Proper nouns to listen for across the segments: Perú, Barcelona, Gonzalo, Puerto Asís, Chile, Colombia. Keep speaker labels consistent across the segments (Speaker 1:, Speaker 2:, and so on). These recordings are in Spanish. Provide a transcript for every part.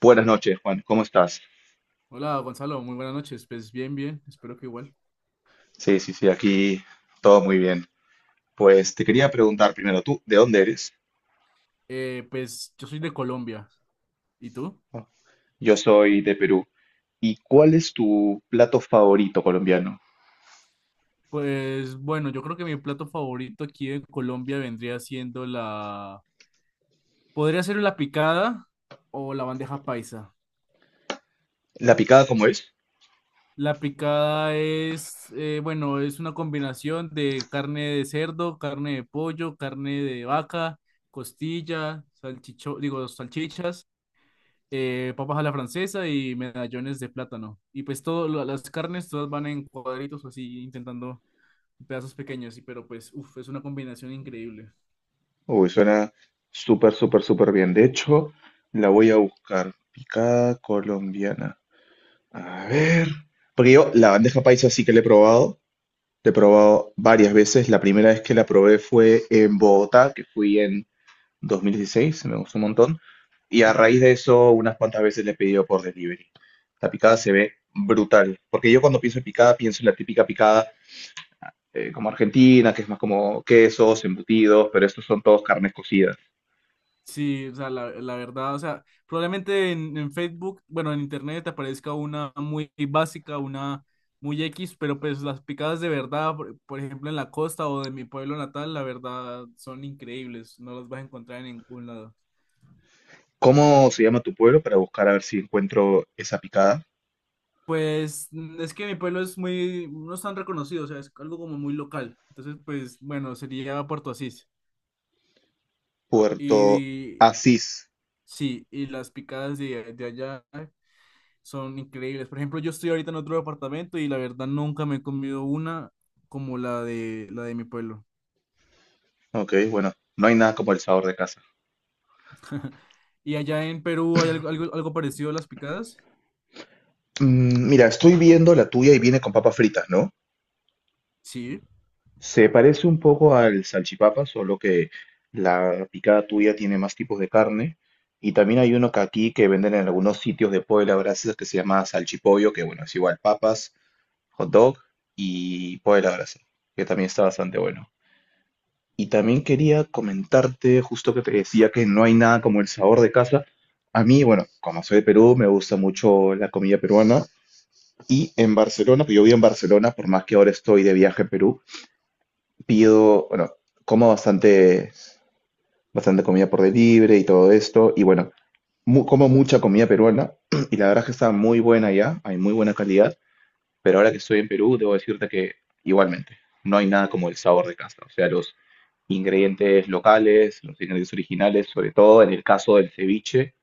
Speaker 1: Buenas noches, Juan. ¿Cómo estás?
Speaker 2: Hola Gonzalo, muy buenas noches. Pues bien, bien, espero que igual.
Speaker 1: Sí, sí, sí, aquí todo muy bien. Pues te quería preguntar primero, ¿tú de dónde eres?
Speaker 2: Pues yo soy de Colombia. ¿Y tú?
Speaker 1: Yo soy de Perú. ¿Y cuál es tu plato favorito colombiano?
Speaker 2: Pues bueno, yo creo que mi plato favorito aquí en Colombia vendría siendo... Podría ser la picada o la bandeja paisa.
Speaker 1: ¿La picada cómo es?
Speaker 2: La picada es, bueno, es una combinación de carne de cerdo, carne de pollo, carne de vaca, costilla, salchicho, digo, salchichas. Papas a la francesa y medallones de plátano. Y pues todas las carnes, todas van en cuadritos o así, intentando pedazos pequeños, y, pero pues, uff, es una combinación increíble.
Speaker 1: Uy, suena súper, súper, súper bien. De hecho, la voy a buscar. Picada colombiana. A ver. Porque yo la bandeja paisa sí que la he probado. La he probado varias veces. La primera vez que la probé fue en Bogotá, que fui en 2016, me gustó un montón. Y a raíz de eso, unas cuantas veces le he pedido por delivery. La picada se ve brutal, porque yo cuando pienso en picada, pienso en la típica picada como argentina, que es más como quesos, embutidos, pero estos son todos carnes cocidas.
Speaker 2: Sí, o sea, la verdad, o sea, probablemente en Facebook, bueno, en Internet te aparezca una muy básica, una muy X, pero pues las picadas de verdad, por ejemplo, en la costa o de mi pueblo natal, la verdad son increíbles, no las vas a encontrar en ningún lado.
Speaker 1: ¿Cómo se llama tu pueblo para buscar a ver si encuentro esa picada?
Speaker 2: Pues es que mi pueblo es muy, no es tan reconocido, o sea, es algo como muy local. Entonces, pues bueno, sería Puerto Asís.
Speaker 1: Puerto
Speaker 2: Y
Speaker 1: Asís.
Speaker 2: sí, y las picadas de allá son increíbles. Por ejemplo, yo estoy ahorita en otro departamento y la verdad nunca me he comido una como la de mi pueblo.
Speaker 1: Ok, bueno, no hay nada como el sabor de casa.
Speaker 2: ¿Y allá en Perú hay algo, algo, algo parecido a las picadas?
Speaker 1: Mm, mira, estoy viendo la tuya y viene con papas fritas, ¿no?
Speaker 2: Sí.
Speaker 1: Se parece un poco al salchipapa, solo que la picada tuya tiene más tipos de carne. Y también hay uno que aquí que venden en algunos sitios de pollo a la brasa que se llama salchipollo, que bueno, es igual papas, hot dog y pollo a la brasa, que también está bastante bueno. Y también quería comentarte, justo que te decía que no hay nada como el sabor de casa. A mí, bueno, como soy de Perú, me gusta mucho la comida peruana. Y en Barcelona, que yo vivo en Barcelona, por más que ahora estoy de viaje a Perú, pido, bueno, como bastante, bastante comida por delivery y todo esto, y bueno, como mucha comida peruana, y la verdad es que está muy buena ya, hay muy buena calidad, pero ahora que estoy en Perú, debo decirte que igualmente, no hay nada como el sabor de casa, o sea, los ingredientes locales, los ingredientes originales, sobre todo en el caso del ceviche,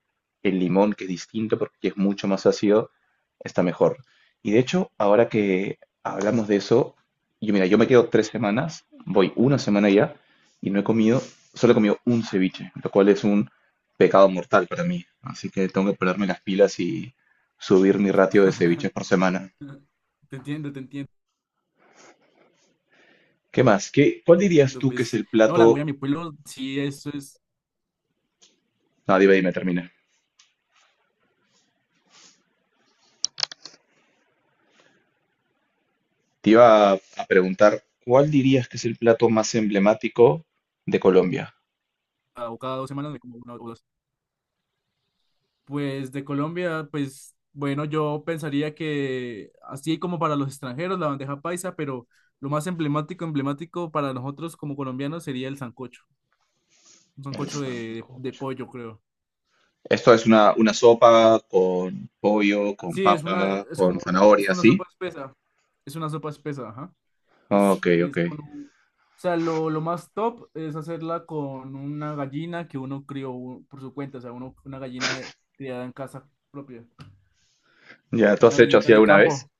Speaker 1: el limón, que es distinto porque es mucho más ácido, está mejor. Y de hecho, ahora que hablamos de eso, yo mira, yo me quedo 3 semanas, voy una semana ya, y no he comido, solo he comido un ceviche, lo cual es un pecado mortal para mí. Así que tengo que ponerme las pilas y subir mi ratio de ceviches por semana.
Speaker 2: Te entiendo, te entiendo.
Speaker 1: ¿Qué más? ¿Cuál dirías tú que es
Speaker 2: Pues
Speaker 1: el
Speaker 2: no, la voy
Speaker 1: plato?
Speaker 2: a mi pueblo, sí, eso es,
Speaker 1: No, dime, dime, termina. Te iba a preguntar, ¿cuál dirías que es el plato más emblemático de Colombia?
Speaker 2: ah, cada dos semanas me como una o dos. Pues de Colombia, pues bueno, yo pensaría que así como para los extranjeros la bandeja paisa, pero lo más emblemático, emblemático para nosotros como colombianos sería el sancocho, un
Speaker 1: El
Speaker 2: sancocho de
Speaker 1: sancocho.
Speaker 2: pollo, creo.
Speaker 1: Esto es una sopa con pollo, con
Speaker 2: Sí, es una,
Speaker 1: papa,
Speaker 2: es
Speaker 1: con
Speaker 2: como una, es
Speaker 1: zanahoria,
Speaker 2: una
Speaker 1: ¿sí?
Speaker 2: sopa espesa, es una sopa espesa, ajá.
Speaker 1: Ok, ok.
Speaker 2: Es con un- o sea, lo más top es hacerla con una gallina que uno crió por su cuenta, o sea, uno, una gallina de- criada en casa propia, o
Speaker 1: Ya, ¿tú
Speaker 2: sea,
Speaker 1: has
Speaker 2: una
Speaker 1: hecho
Speaker 2: gallinita
Speaker 1: así
Speaker 2: de
Speaker 1: alguna vez?
Speaker 2: campo.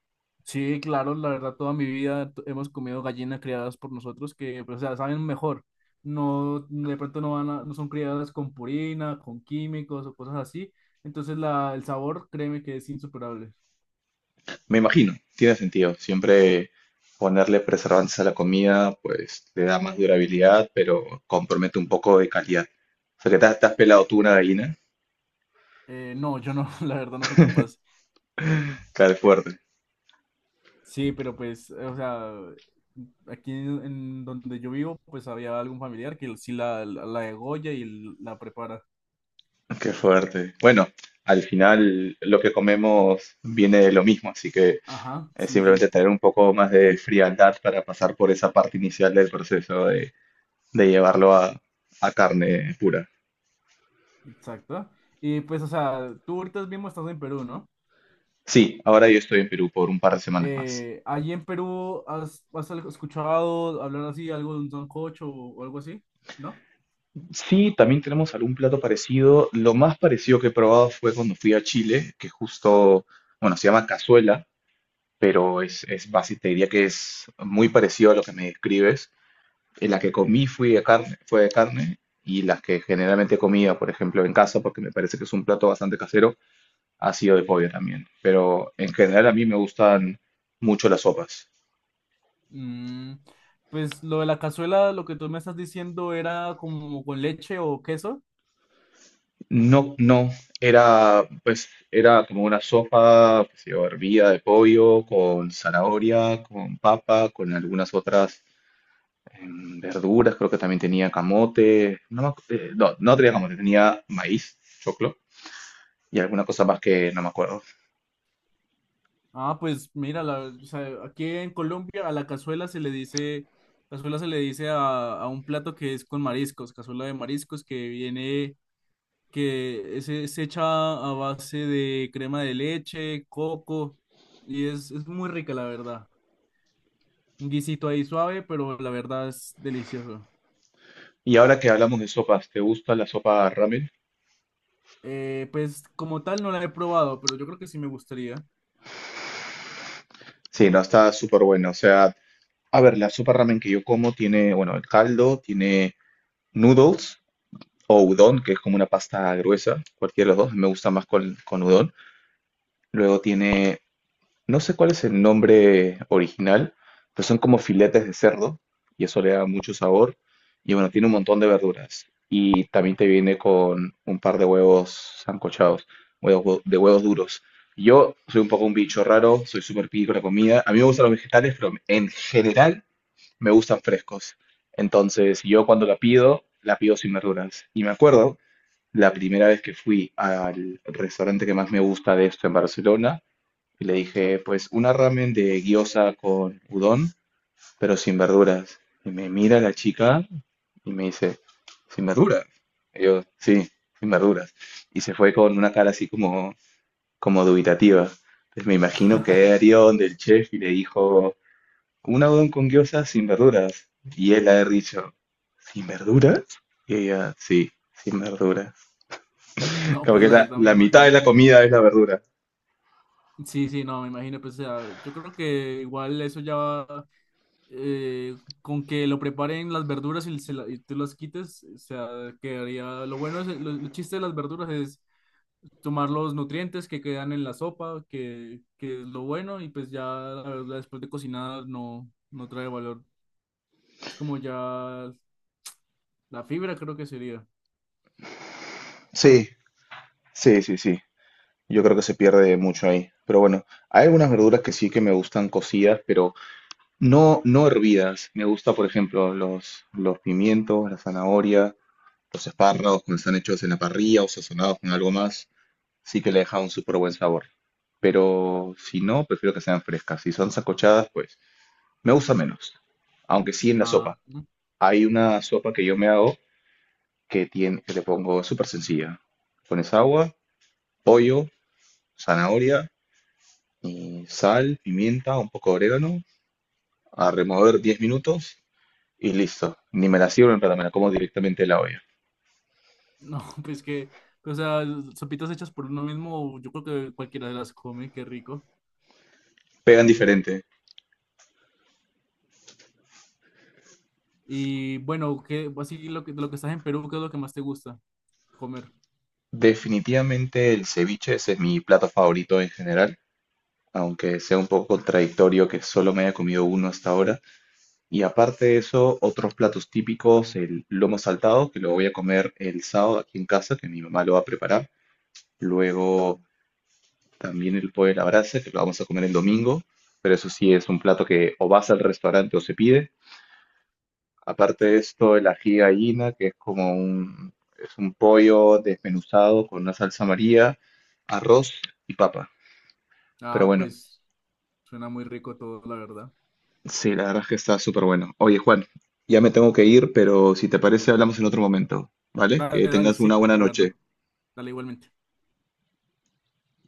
Speaker 2: Sí, claro, la verdad, toda mi vida t- hemos comido gallinas criadas por nosotros que, pues, o sea, saben mejor. No, de pronto no van a- no son criadas con purina, con químicos o cosas así. Entonces, la, el sabor, créeme que es insuperable.
Speaker 1: Me imagino, tiene sentido. Siempre ponerle preservantes a la comida, pues le da más durabilidad, pero compromete un poco de calidad. O sea, que te has pelado tú una gallina.
Speaker 2: No, yo no, la verdad, no soy capaz.
Speaker 1: Claro, es fuerte.
Speaker 2: Sí, pero pues, o sea, aquí en donde yo vivo, pues había algún familiar que sí la degolla y la prepara.
Speaker 1: Qué fuerte. Bueno, al final lo que comemos viene de lo mismo, así que
Speaker 2: Ajá,
Speaker 1: es
Speaker 2: sí,
Speaker 1: simplemente
Speaker 2: sí,
Speaker 1: tener un poco más de frialdad para pasar por esa parte inicial del proceso de llevarlo a carne pura.
Speaker 2: exacto. Y pues, o sea, tú ahorita mismo estás en Perú, ¿no?
Speaker 1: Sí, ahora yo estoy en Perú por un par de semanas más.
Speaker 2: ¿Allí en Perú has, has escuchado hablar así, algo de un sancocho o algo así? ¿No?
Speaker 1: Sí, también tenemos algún plato parecido. Lo más parecido que he probado fue cuando fui a Chile, que justo, bueno, se llama cazuela, pero es básicamente, te diría que es muy parecido a lo que me describes. Y la que comí fui de carne, fue de carne y las que generalmente comía, por ejemplo, en casa, porque me parece que es un plato bastante casero, ha sido de pollo también. Pero en general a mí me gustan mucho las sopas.
Speaker 2: Mm, pues lo de la cazuela, lo que tú me estás diciendo era como con leche o queso.
Speaker 1: No, no, era pues era como una sopa, que se hervida de pollo con zanahoria, con papa, con algunas otras verduras, creo que también tenía camote, no, no, no tenía camote, tenía maíz, choclo y alguna cosa más que no me acuerdo.
Speaker 2: Ah, pues mira, la- o sea, aquí en Colombia a la cazuela se le dice, cazuela se le dice a un plato que es con mariscos, cazuela de mariscos que viene, que es hecha a base de crema de leche, coco, y es muy rica, la verdad. Un guisito ahí suave, pero la verdad es delicioso.
Speaker 1: Y ahora que hablamos de sopas, ¿te gusta la sopa ramen?
Speaker 2: Pues como tal no la he probado, pero yo creo que sí me gustaría.
Speaker 1: Sí, no, está súper buena. O sea, a ver, la sopa ramen que yo como tiene, bueno, el caldo, tiene noodles o udon, que es como una pasta gruesa, cualquiera de los dos, me gusta más con udon. Luego tiene. No sé cuál es el nombre original, pero son como filetes de cerdo y eso le da mucho sabor. Y bueno, tiene un montón de verduras. Y también te viene con un par de huevos sancochados, huevos de huevos duros. Yo soy un poco un bicho raro, soy súper picky con la comida. A mí me gustan los vegetales, pero en general me gustan frescos. Entonces, yo cuando la pido sin verduras. Y me acuerdo, la primera vez que fui al restaurante que más me gusta de esto en Barcelona, y le dije, pues una ramen de gyoza con udon, pero sin verduras. Y me mira la chica y me dice, ¿sin verduras? Y yo, sí, sin verduras. Y se fue con una cara así como, como dubitativa. Entonces me imagino que era donde el chef y le dijo, una udon con gyoza sin verduras. Y él ha de haber dicho, ¿sin verduras? Y ella, sí, sin verduras.
Speaker 2: No,
Speaker 1: Como
Speaker 2: pues
Speaker 1: que
Speaker 2: la
Speaker 1: la,
Speaker 2: verdad me
Speaker 1: la mitad de
Speaker 2: imagino.
Speaker 1: la comida es la verdura.
Speaker 2: Sí, sí, no, me imagino, pues o sea, yo creo que igual eso ya va, eh, con que lo preparen las verduras y, se la- y tú las quites, o sea, quedaría, lo bueno es, lo chiste de las verduras es tomar los nutrientes que quedan en la sopa, que es lo bueno, y pues ya la verdura después de cocinada no, no trae valor. Es como ya. La fibra creo que sería.
Speaker 1: Sí, sí, sí, sí. Yo creo que se pierde mucho ahí. Pero bueno, hay algunas verduras que sí que me gustan cocidas, pero no, no hervidas. Me gusta, por ejemplo, los pimientos, la zanahoria, los espárragos cuando están hechos en la parrilla o sazonados con algo más. Sí que le deja un súper buen sabor. Pero si no, prefiero que sean frescas. Si son sancochadas, pues me gusta menos. Aunque sí en la
Speaker 2: Ah,
Speaker 1: sopa.
Speaker 2: mm,
Speaker 1: Hay una sopa que yo me hago que tiene, que le pongo es súper sencilla. Pones agua, pollo, zanahoria. Sal, pimienta, un poco de orégano, a remover 10 minutos y listo. Ni me la sirvo en plata, me la como directamente de la olla.
Speaker 2: no, pues que, o sea, sopitas hechas por uno mismo, yo creo que cualquiera las come, qué rico.
Speaker 1: Pegan diferente.
Speaker 2: Y bueno, ¿qué, así lo que, de lo que estás en Perú, ¿qué es lo que más te gusta comer?
Speaker 1: Definitivamente el ceviche, ese es mi plato favorito en general, aunque sea un poco contradictorio que solo me haya comido uno hasta ahora. Y aparte de eso, otros platos típicos, el lomo saltado, que lo voy a comer el sábado aquí en casa, que mi mamá lo va a preparar. Luego también el pollo a la brasa, que lo vamos a comer el domingo, pero eso sí es un plato que o vas al restaurante o se pide. Aparte de esto, el ají gallina, que es como un, es un pollo desmenuzado con una salsa María, arroz y papa. Pero
Speaker 2: Ah,
Speaker 1: bueno,
Speaker 2: pues suena muy rico todo, la verdad.
Speaker 1: sí, la verdad es que está súper bueno. Oye, Juan, ya me tengo que ir, pero si te parece, hablamos en otro momento, ¿vale?
Speaker 2: Dale,
Speaker 1: Que
Speaker 2: dale,
Speaker 1: tengas una
Speaker 2: sí,
Speaker 1: buena
Speaker 2: la verdad.
Speaker 1: noche.
Speaker 2: Dale igualmente.